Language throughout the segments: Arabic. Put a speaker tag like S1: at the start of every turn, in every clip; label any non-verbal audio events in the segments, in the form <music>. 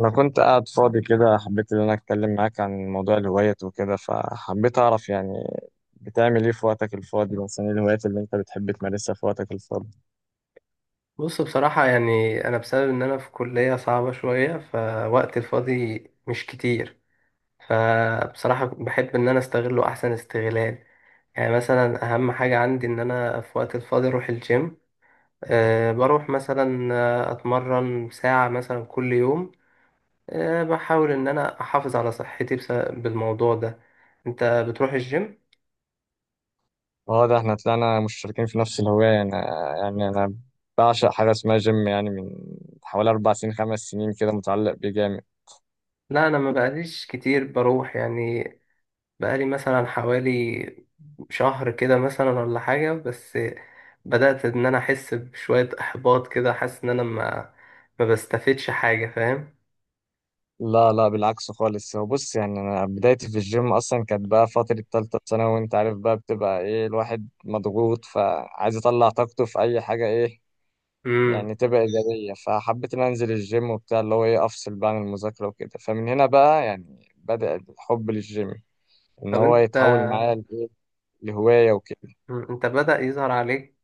S1: أنا كنت قاعد فاضي كده، حبيت إن أنا أتكلم معاك عن موضوع الهوايات وكده. فحبيت أعرف يعني بتعمل إيه في وقتك الفاضي؟ مثلا إيه الهوايات اللي أنت بتحب تمارسها في وقتك الفاضي؟
S2: بص، بصراحة يعني أنا بسبب إن أنا في كلية صعبة شوية فوقت الفاضي مش كتير. فبصراحة بحب إن أنا أستغله أحسن استغلال. يعني مثلا أهم حاجة عندي إن أنا في وقت الفاضي أروح الجيم. بروح مثلا أتمرن ساعة مثلا كل يوم. بحاول إن أنا أحافظ على صحتي بالموضوع ده. أنت بتروح الجيم؟
S1: أه ده إحنا طلعنا مشتركين في نفس الهواية. أنا يعني أنا بعشق حاجة اسمها جيم، يعني من حوالي أربع سنين خمس سنين كده متعلق بيه جامد.
S2: لا، أنا ما بقاليش كتير بروح يعني. بقالي مثلا حوالي شهر كده مثلا ولا حاجة، بس بدأت إن أنا أحس بشوية إحباط كده، حاسس إن أنا ما بستفدش حاجة، فاهم.
S1: لا بالعكس خالص. هو بص، يعني أنا بدايتي في الجيم أصلا كانت بقى فترة تالتة ثانوي، وأنت عارف بقى بتبقى إيه، الواحد مضغوط فعايز يطلع طاقته في أي حاجة. إيه
S2: مم.
S1: يعني تبقى إيجابية، فحبيت إن أنا أنزل الجيم وبتاع، اللي هو إيه، أفصل بقى عن المذاكرة وكده. فمن هنا بقى يعني بدأ الحب للجيم، إن
S2: طب
S1: هو
S2: أنت.
S1: يتحول معايا لإيه، لهواية وكده.
S2: مم. أنت بدأ يظهر عليك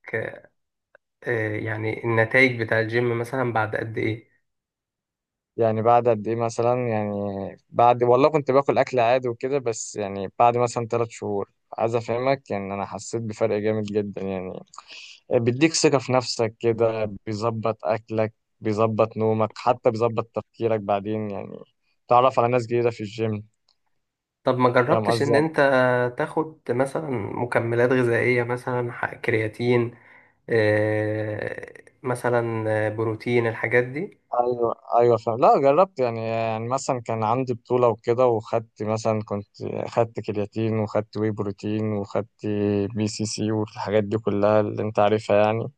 S2: يعني النتائج بتاع الجيم مثلا بعد قد إيه؟
S1: يعني بعد قد إيه مثلا؟ يعني بعد والله كنت باكل أكل عادي وكده، بس يعني بعد مثلا تلات شهور، عايز أفهمك يعني، أنا حسيت بفرق جامد جدا. يعني بيديك ثقة في نفسك كده، بيظبط أكلك، بيظبط نومك، حتى بيظبط تفكيرك بعدين. يعني تعرف على ناس جديدة في الجيم،
S2: طب ما
S1: فاهم
S2: جربتش إن
S1: قصدي؟
S2: أنت تاخد مثلا مكملات غذائية مثلا كرياتين، مثلا بروتين، الحاجات دي.
S1: ايوه ايوه فاهم. لا جربت يعني، يعني مثلا كان عندي بطوله وكده، وخدت مثلا، كنت خدت كرياتين وخدت واي بروتين وخدت بي سي سي والحاجات دي كلها اللي انت عارفها يعني.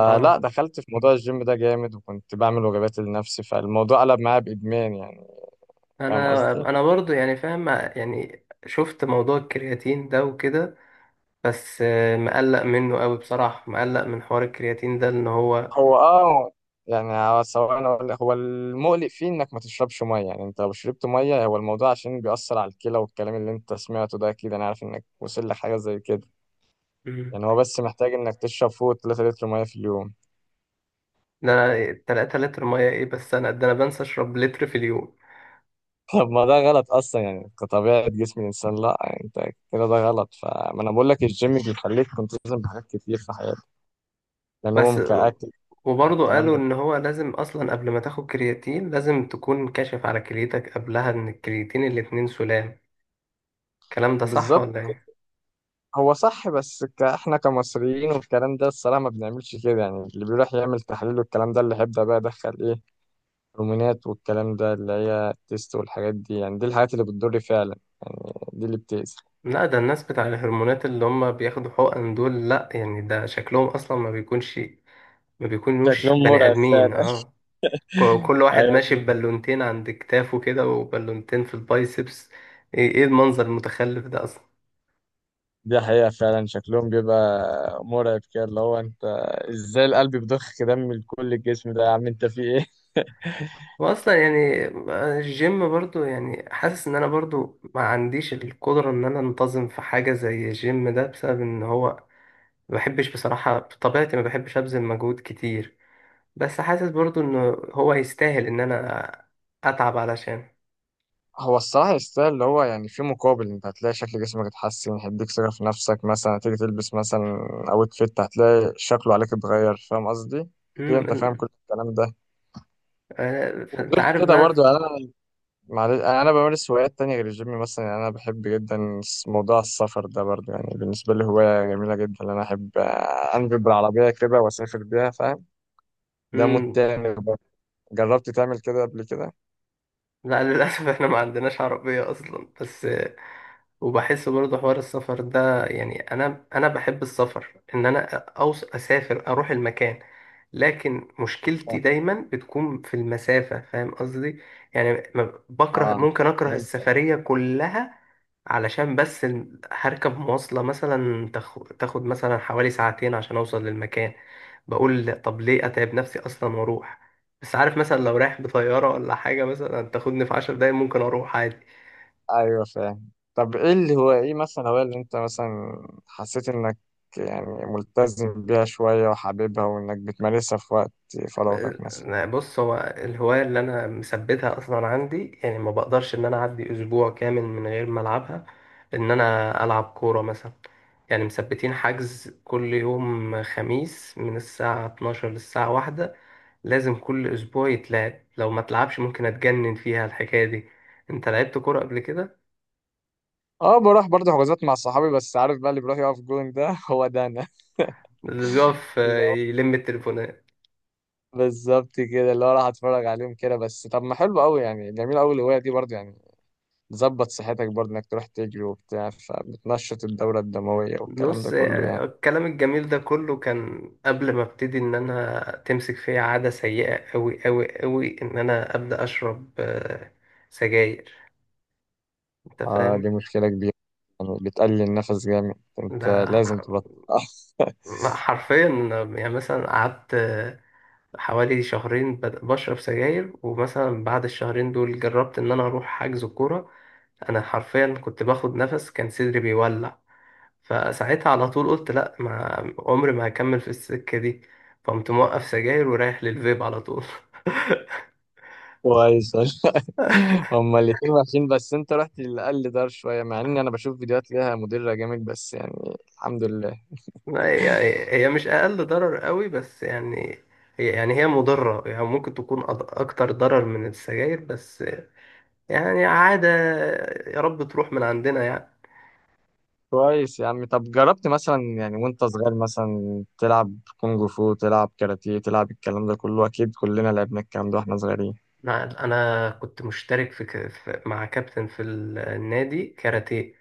S2: اه
S1: دخلت في موضوع الجيم ده جامد، وكنت بعمل وجبات لنفسي، فالموضوع قلب معايا بادمان يعني، فاهم
S2: انا
S1: قصدي؟
S2: انا برضو يعني فاهم، يعني شفت موضوع الكرياتين ده وكده، بس مقلق منه قوي بصراحة، مقلق من حوار الكرياتين ده ان هو.
S1: هو اه يعني، هو سواء أنا أقول لك، هو المقلق فيه انك ما تشربش ميه. يعني انت لو شربت ميه، هو الموضوع عشان بيأثر على الكلى، والكلام اللي انت سمعته ده اكيد، انا عارف انك وصل لحاجه زي كده.
S2: مم،
S1: يعني هو بس محتاج انك تشرب فوق 3 لتر ميه في اليوم.
S2: ده 3 لتر مية؟ ايه بس انا، ده انا بنسى اشرب لتر في اليوم.
S1: <laughs> طب ما ده غلط اصلا يعني، كطبيعه جسم الانسان، لا يعني انت كده ده غلط. فما انا بقول لك الجيم بيخليك تلتزم بحاجات كتير في حياتك،
S2: بس
S1: نوم كاكل.
S2: وبرضو
S1: الكلام
S2: قالوا
S1: ده
S2: ان هو لازم اصلا قبل ما تاخد كرياتين لازم تكون كاشف على كليتك قبلها، ان الكرياتين الاتنين سلام. الكلام ده صح
S1: بالظبط،
S2: ولا ايه؟
S1: هو صح، بس احنا كمصريين والكلام ده الصراحه ما بنعملش كده. يعني اللي بيروح يعمل تحاليل والكلام ده، اللي هيبدا بقى يدخل ايه، هرمونات والكلام ده اللي هي التست والحاجات دي، يعني دي الحاجات اللي بتضر فعلا، يعني دي اللي بتأذي.
S2: لا، ده الناس بتاع الهرمونات اللي هم بياخدوا حقن دول، لا يعني ده شكلهم اصلا ما بيكونش، ما بيكونوش
S1: شكلهم
S2: بني
S1: مرعب
S2: آدمين
S1: فعلا.
S2: اه
S1: <laughs>
S2: كل واحد
S1: ايوه،
S2: ماشي ببالونتين عند كتافه كده وبالونتين في البايسبس. إيه المنظر المتخلف ده اصلا!
S1: دي حقيقة فعلا، شكلهم بيبقى مرعب كده، اللي هو انت ازاي القلب بيضخ دم لكل الجسم ده؟ يا عم انت في ايه؟
S2: واصلا يعني الجيم برضو يعني حاسس ان انا برضو ما عنديش القدرة ان انا انتظم في حاجة زي الجيم ده، بسبب ان هو ما بحبش بصراحة، بطبيعتي ما بحبش ابذل مجهود كتير. بس حاسس برضو ان هو يستاهل ان انا اتعب علشان.
S1: <laughs> هو الصراحة يستاهل، اللي هو يعني في مقابل، انت هتلاقي شكل جسمك اتحسن، هيديك ثقة في نفسك، مثلا هتيجي تلبس مثلا اوت فيت هتلاقي شكله عليك اتغير، فاهم قصدي؟ اكيد انت فاهم
S2: امم.
S1: كل الكلام ده.
S2: انت
S1: وغير
S2: عارف
S1: كده
S2: بقى.
S1: برضو يعني انا، معلش يعني انا بمارس هوايات تانية غير الجيم، مثلا يعني انا بحب جدا موضوع السفر ده برضو. يعني بالنسبة لي هواية جميلة جدا، ان انا احب انجب بالعربية كده واسافر بيها، فاهم؟ ده
S2: مم.
S1: متعمل برضه؟ جربت تعمل كده قبل كده؟
S2: لا، للأسف احنا ما عندناش عربية أصلا، بس وبحس برضه حوار السفر ده، يعني أنا بحب السفر، إن أنا أوص أسافر أروح المكان، لكن مشكلتي
S1: اه
S2: دايما بتكون في المسافة، فاهم قصدي. يعني بكره
S1: آه.
S2: ممكن أكره
S1: فهمت.
S2: السفرية كلها علشان بس هركب مواصلة مثلا تاخد مثلا حوالي ساعتين عشان أوصل للمكان. بقول طب ليه أتعب نفسي أصلا وأروح؟ بس عارف مثلا لو رايح بطيارة ولا حاجة مثلا تاخدني في 10 دقايق، ممكن أروح عادي.
S1: ايوه فاهم. طب ايه اللي هو ايه مثلا، هو اللي انت مثلا حسيت انك يعني ملتزم بيها شوية وحاببها، وانك بتمارسها في وقت فراغك مثلا؟
S2: بص، هو الهواية اللي أنا مثبتها أصلا عندي، يعني ما بقدرش إن أنا أعدي أسبوع كامل من غير ما ألعبها، إن أنا ألعب كورة مثلا. يعني مثبتين حجز كل يوم خميس من الساعة 12 للساعة واحدة، لازم كل أسبوع يتلعب. لو ما تلعبش ممكن أتجنن فيها الحكاية دي. أنت لعبت كورة قبل كده؟
S1: اه بروح برضه حجوزات مع صحابي، بس عارف بقى اللي بيروح يقف جون ده <laughs> هو ده انا.
S2: اللي بيقف
S1: لا،
S2: يلم التليفون.
S1: بالظبط كده، اللي هو راح اتفرج عليهم كده بس. طب ما حلو قوي يعني، جميل قوي الهواية دي برضه. يعني تظبط صحتك برضه انك تروح تجري وبتاع، فبتنشط الدورة الدموية والكلام ده
S2: بص،
S1: كله يعني.
S2: الكلام الجميل ده كله كان قبل ما ابتدي ان انا تمسك فيا عادة سيئة قوي قوي قوي، ان انا ابدا اشرب سجاير. انت
S1: آه
S2: فاهم.
S1: دي مشكلة كبيرة، يعني بتقلل النفس جامد، انت
S2: ده
S1: لازم تبطل. <laughs>
S2: حرفيا، يعني مثلا قعدت حوالي شهرين بشرب سجاير، ومثلا بعد الشهرين دول جربت ان انا اروح حجز كورة. انا حرفيا كنت باخد نفس كان صدري بيولع. فساعتها على طول قلت لا، ما عمري ما هكمل في السكة دي. فقمت موقف سجاير ورايح للفيب على طول. <laughs>
S1: كويس والله. <laughs> هما الاتنين وحشين، بس انت رحت للأقل دار شوية، مع اني انا بشوف فيديوهات ليها مديرة جامد، بس يعني الحمد لله.
S2: لا، هي يعني هي مش أقل ضرر قوي، بس يعني هي يعني هي مضرة يعني، ممكن تكون أكتر ضرر من السجاير، بس يعني عادة. يا رب تروح من عندنا يعني.
S1: كويس يا عم. طب جربت مثلا يعني وانت صغير مثلا تلعب كونج فو، تلعب كاراتيه، تلعب الكلام ده كله؟ اكيد كلنا لعبنا الكلام ده واحنا صغيرين.
S2: أنا كنت مشترك في مع كابتن في النادي كاراتيه،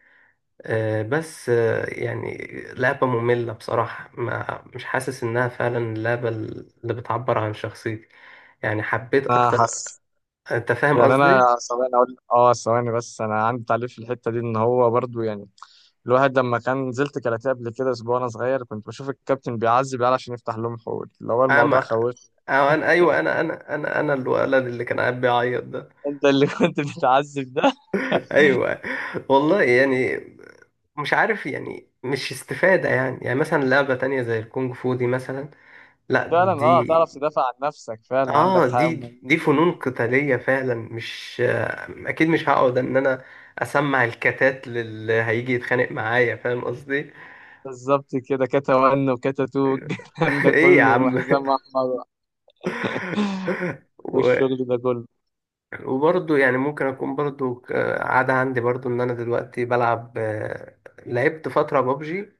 S2: بس يعني لعبة مملة بصراحة، ما مش حاسس إنها فعلا اللعبة اللي بتعبر عن شخصيتي. يعني حبيت
S1: انا
S2: أكتر.
S1: حاسس
S2: أنت فاهم
S1: يعني انا،
S2: قصدي؟
S1: ثواني اقول اه، ثواني بس انا عندي تعليق في الحتة دي. ان هو برضو يعني، الواحد لما كان نزلت كاراتيه قبل كده اسبوع وانا صغير، كنت بشوف الكابتن بيعذب العيال عشان يفتح لهم حقول، اللي هو الموضوع
S2: ما
S1: خوفني.
S2: أه أنا
S1: <laughs>
S2: أيوه، أنا الولد اللي كان قاعد بيعيط ده.
S1: انت اللي كنت بتعذب ده؟
S2: <laughs> أيوه، والله يعني، مش عارف يعني، مش استفادة يعني مثلا لعبة تانية زي الكونج فو دي مثلا، لا.
S1: فعلا اه،
S2: دي
S1: تعرف تدافع عن نفسك، فعلا عندك
S2: اه
S1: حق
S2: دي
S1: أمال.
S2: دي فنون قتالية فعلا، مش اكيد مش هقعد ان انا اسمع الكتات للي هيجي يتخانق معايا، فاهم قصدي. <laughs>
S1: بالظبط كده، كاتا 1 وكاتا 2 الكلام ده
S2: ايه يا
S1: كله،
S2: عم! <laughs>
S1: وحزام احمر
S2: و-
S1: والشغل ده كله.
S2: وبرضه يعني ممكن اكون برضه عادة عندي برضه ان انا دلوقتي بلعب، لعبت فترة بابجي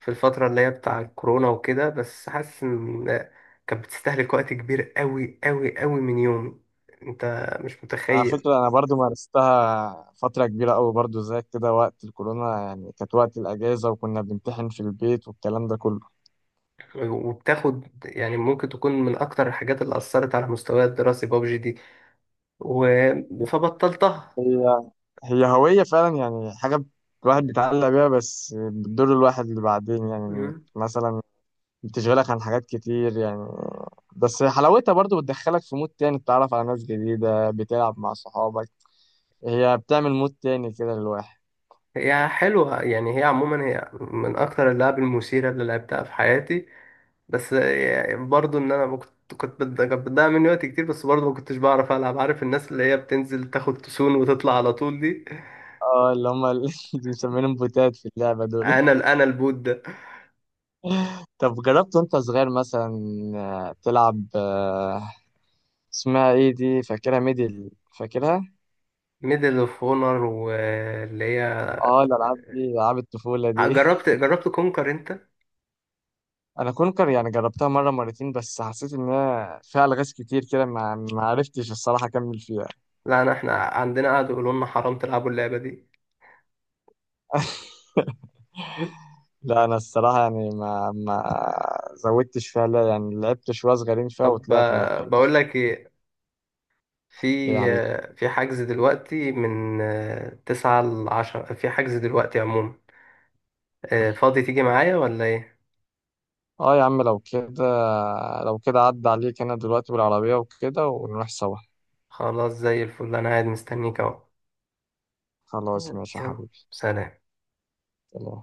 S2: في الفترة اللي هي بتاع الكورونا وكده، بس حاسس ان كانت بتستهلك وقت كبير قوي قوي قوي من يومي. انت مش
S1: على
S2: متخيل.
S1: فكره انا برضو مارستها فتره كبيره قوي برضو زيك كده، وقت الكورونا يعني، كانت وقت الاجازه وكنا بنمتحن في البيت والكلام ده كله.
S2: وبتاخد يعني، ممكن تكون من أكتر الحاجات اللي أثرت على مستواي الدراسي بابجي دي، و... فبطلتها.
S1: هي هي هوية فعلا، يعني حاجة الواحد بيتعلق بيها، بس بتضر الواحد اللي بعدين، يعني
S2: مم.
S1: مثلا بتشغلك عن حاجات كتير يعني. بس حلاوتها برضو بتدخلك في مود تاني، بتتعرف على ناس جديدة، بتلعب مع صحابك، هي بتعمل مود تاني كده للواحد.
S2: هي حلوة يعني، هي عموما هي من أكتر اللعب المثيرة اللي لعبتها في حياتي، بس يعني برضو إن أنا ما كنت كانت بتضيع مني وقت كتير، بس برضو ما كنتش بعرف ألعب، عارف الناس اللي هي بتنزل تاخد تسون وتطلع على طول دي.
S1: اه اللي هم، اللي <laughs> بنسميهم بوتات في اللعبة دول.
S2: أنا البوت ده.
S1: <laughs> طب جربت وانت صغير مثلا تلعب اسمها ايه دي، فاكرها ميدل، فاكرها.
S2: ميدل اوف اونر، واللي هي
S1: اه الألعاب دي ألعاب الطفولة دي.
S2: جربت كونكر انت.
S1: انا كونكر يعني جربتها مره مرتين، بس حسيت ان هي فيها الغاز كتير كده، ما عرفتش الصراحه اكمل فيها.
S2: لا، احنا عندنا قعدوا يقولوا لنا حرام تلعبوا اللعبة دي.
S1: لا انا الصراحه يعني ما زودتش فيها، لا يعني لعبت شويه صغيرين فيها
S2: طب
S1: وطلعت ما فهمتش.
S2: بقول لك ايه، في
S1: إيه يا حبيبي؟
S2: في حجز دلوقتي من 9 ل10، في حجز دلوقتي عموما، فاضي تيجي معايا ولا ايه؟
S1: اه يا عم لو كده، لو كده عدى عليك، انا دلوقتي بالعربيه وكده ونروح سوا.
S2: خلاص، زي الفل، انا قاعد مستنيك اهو.
S1: خلاص ماشي يا
S2: يلا،
S1: حبيبي.
S2: سلام.
S1: يلا.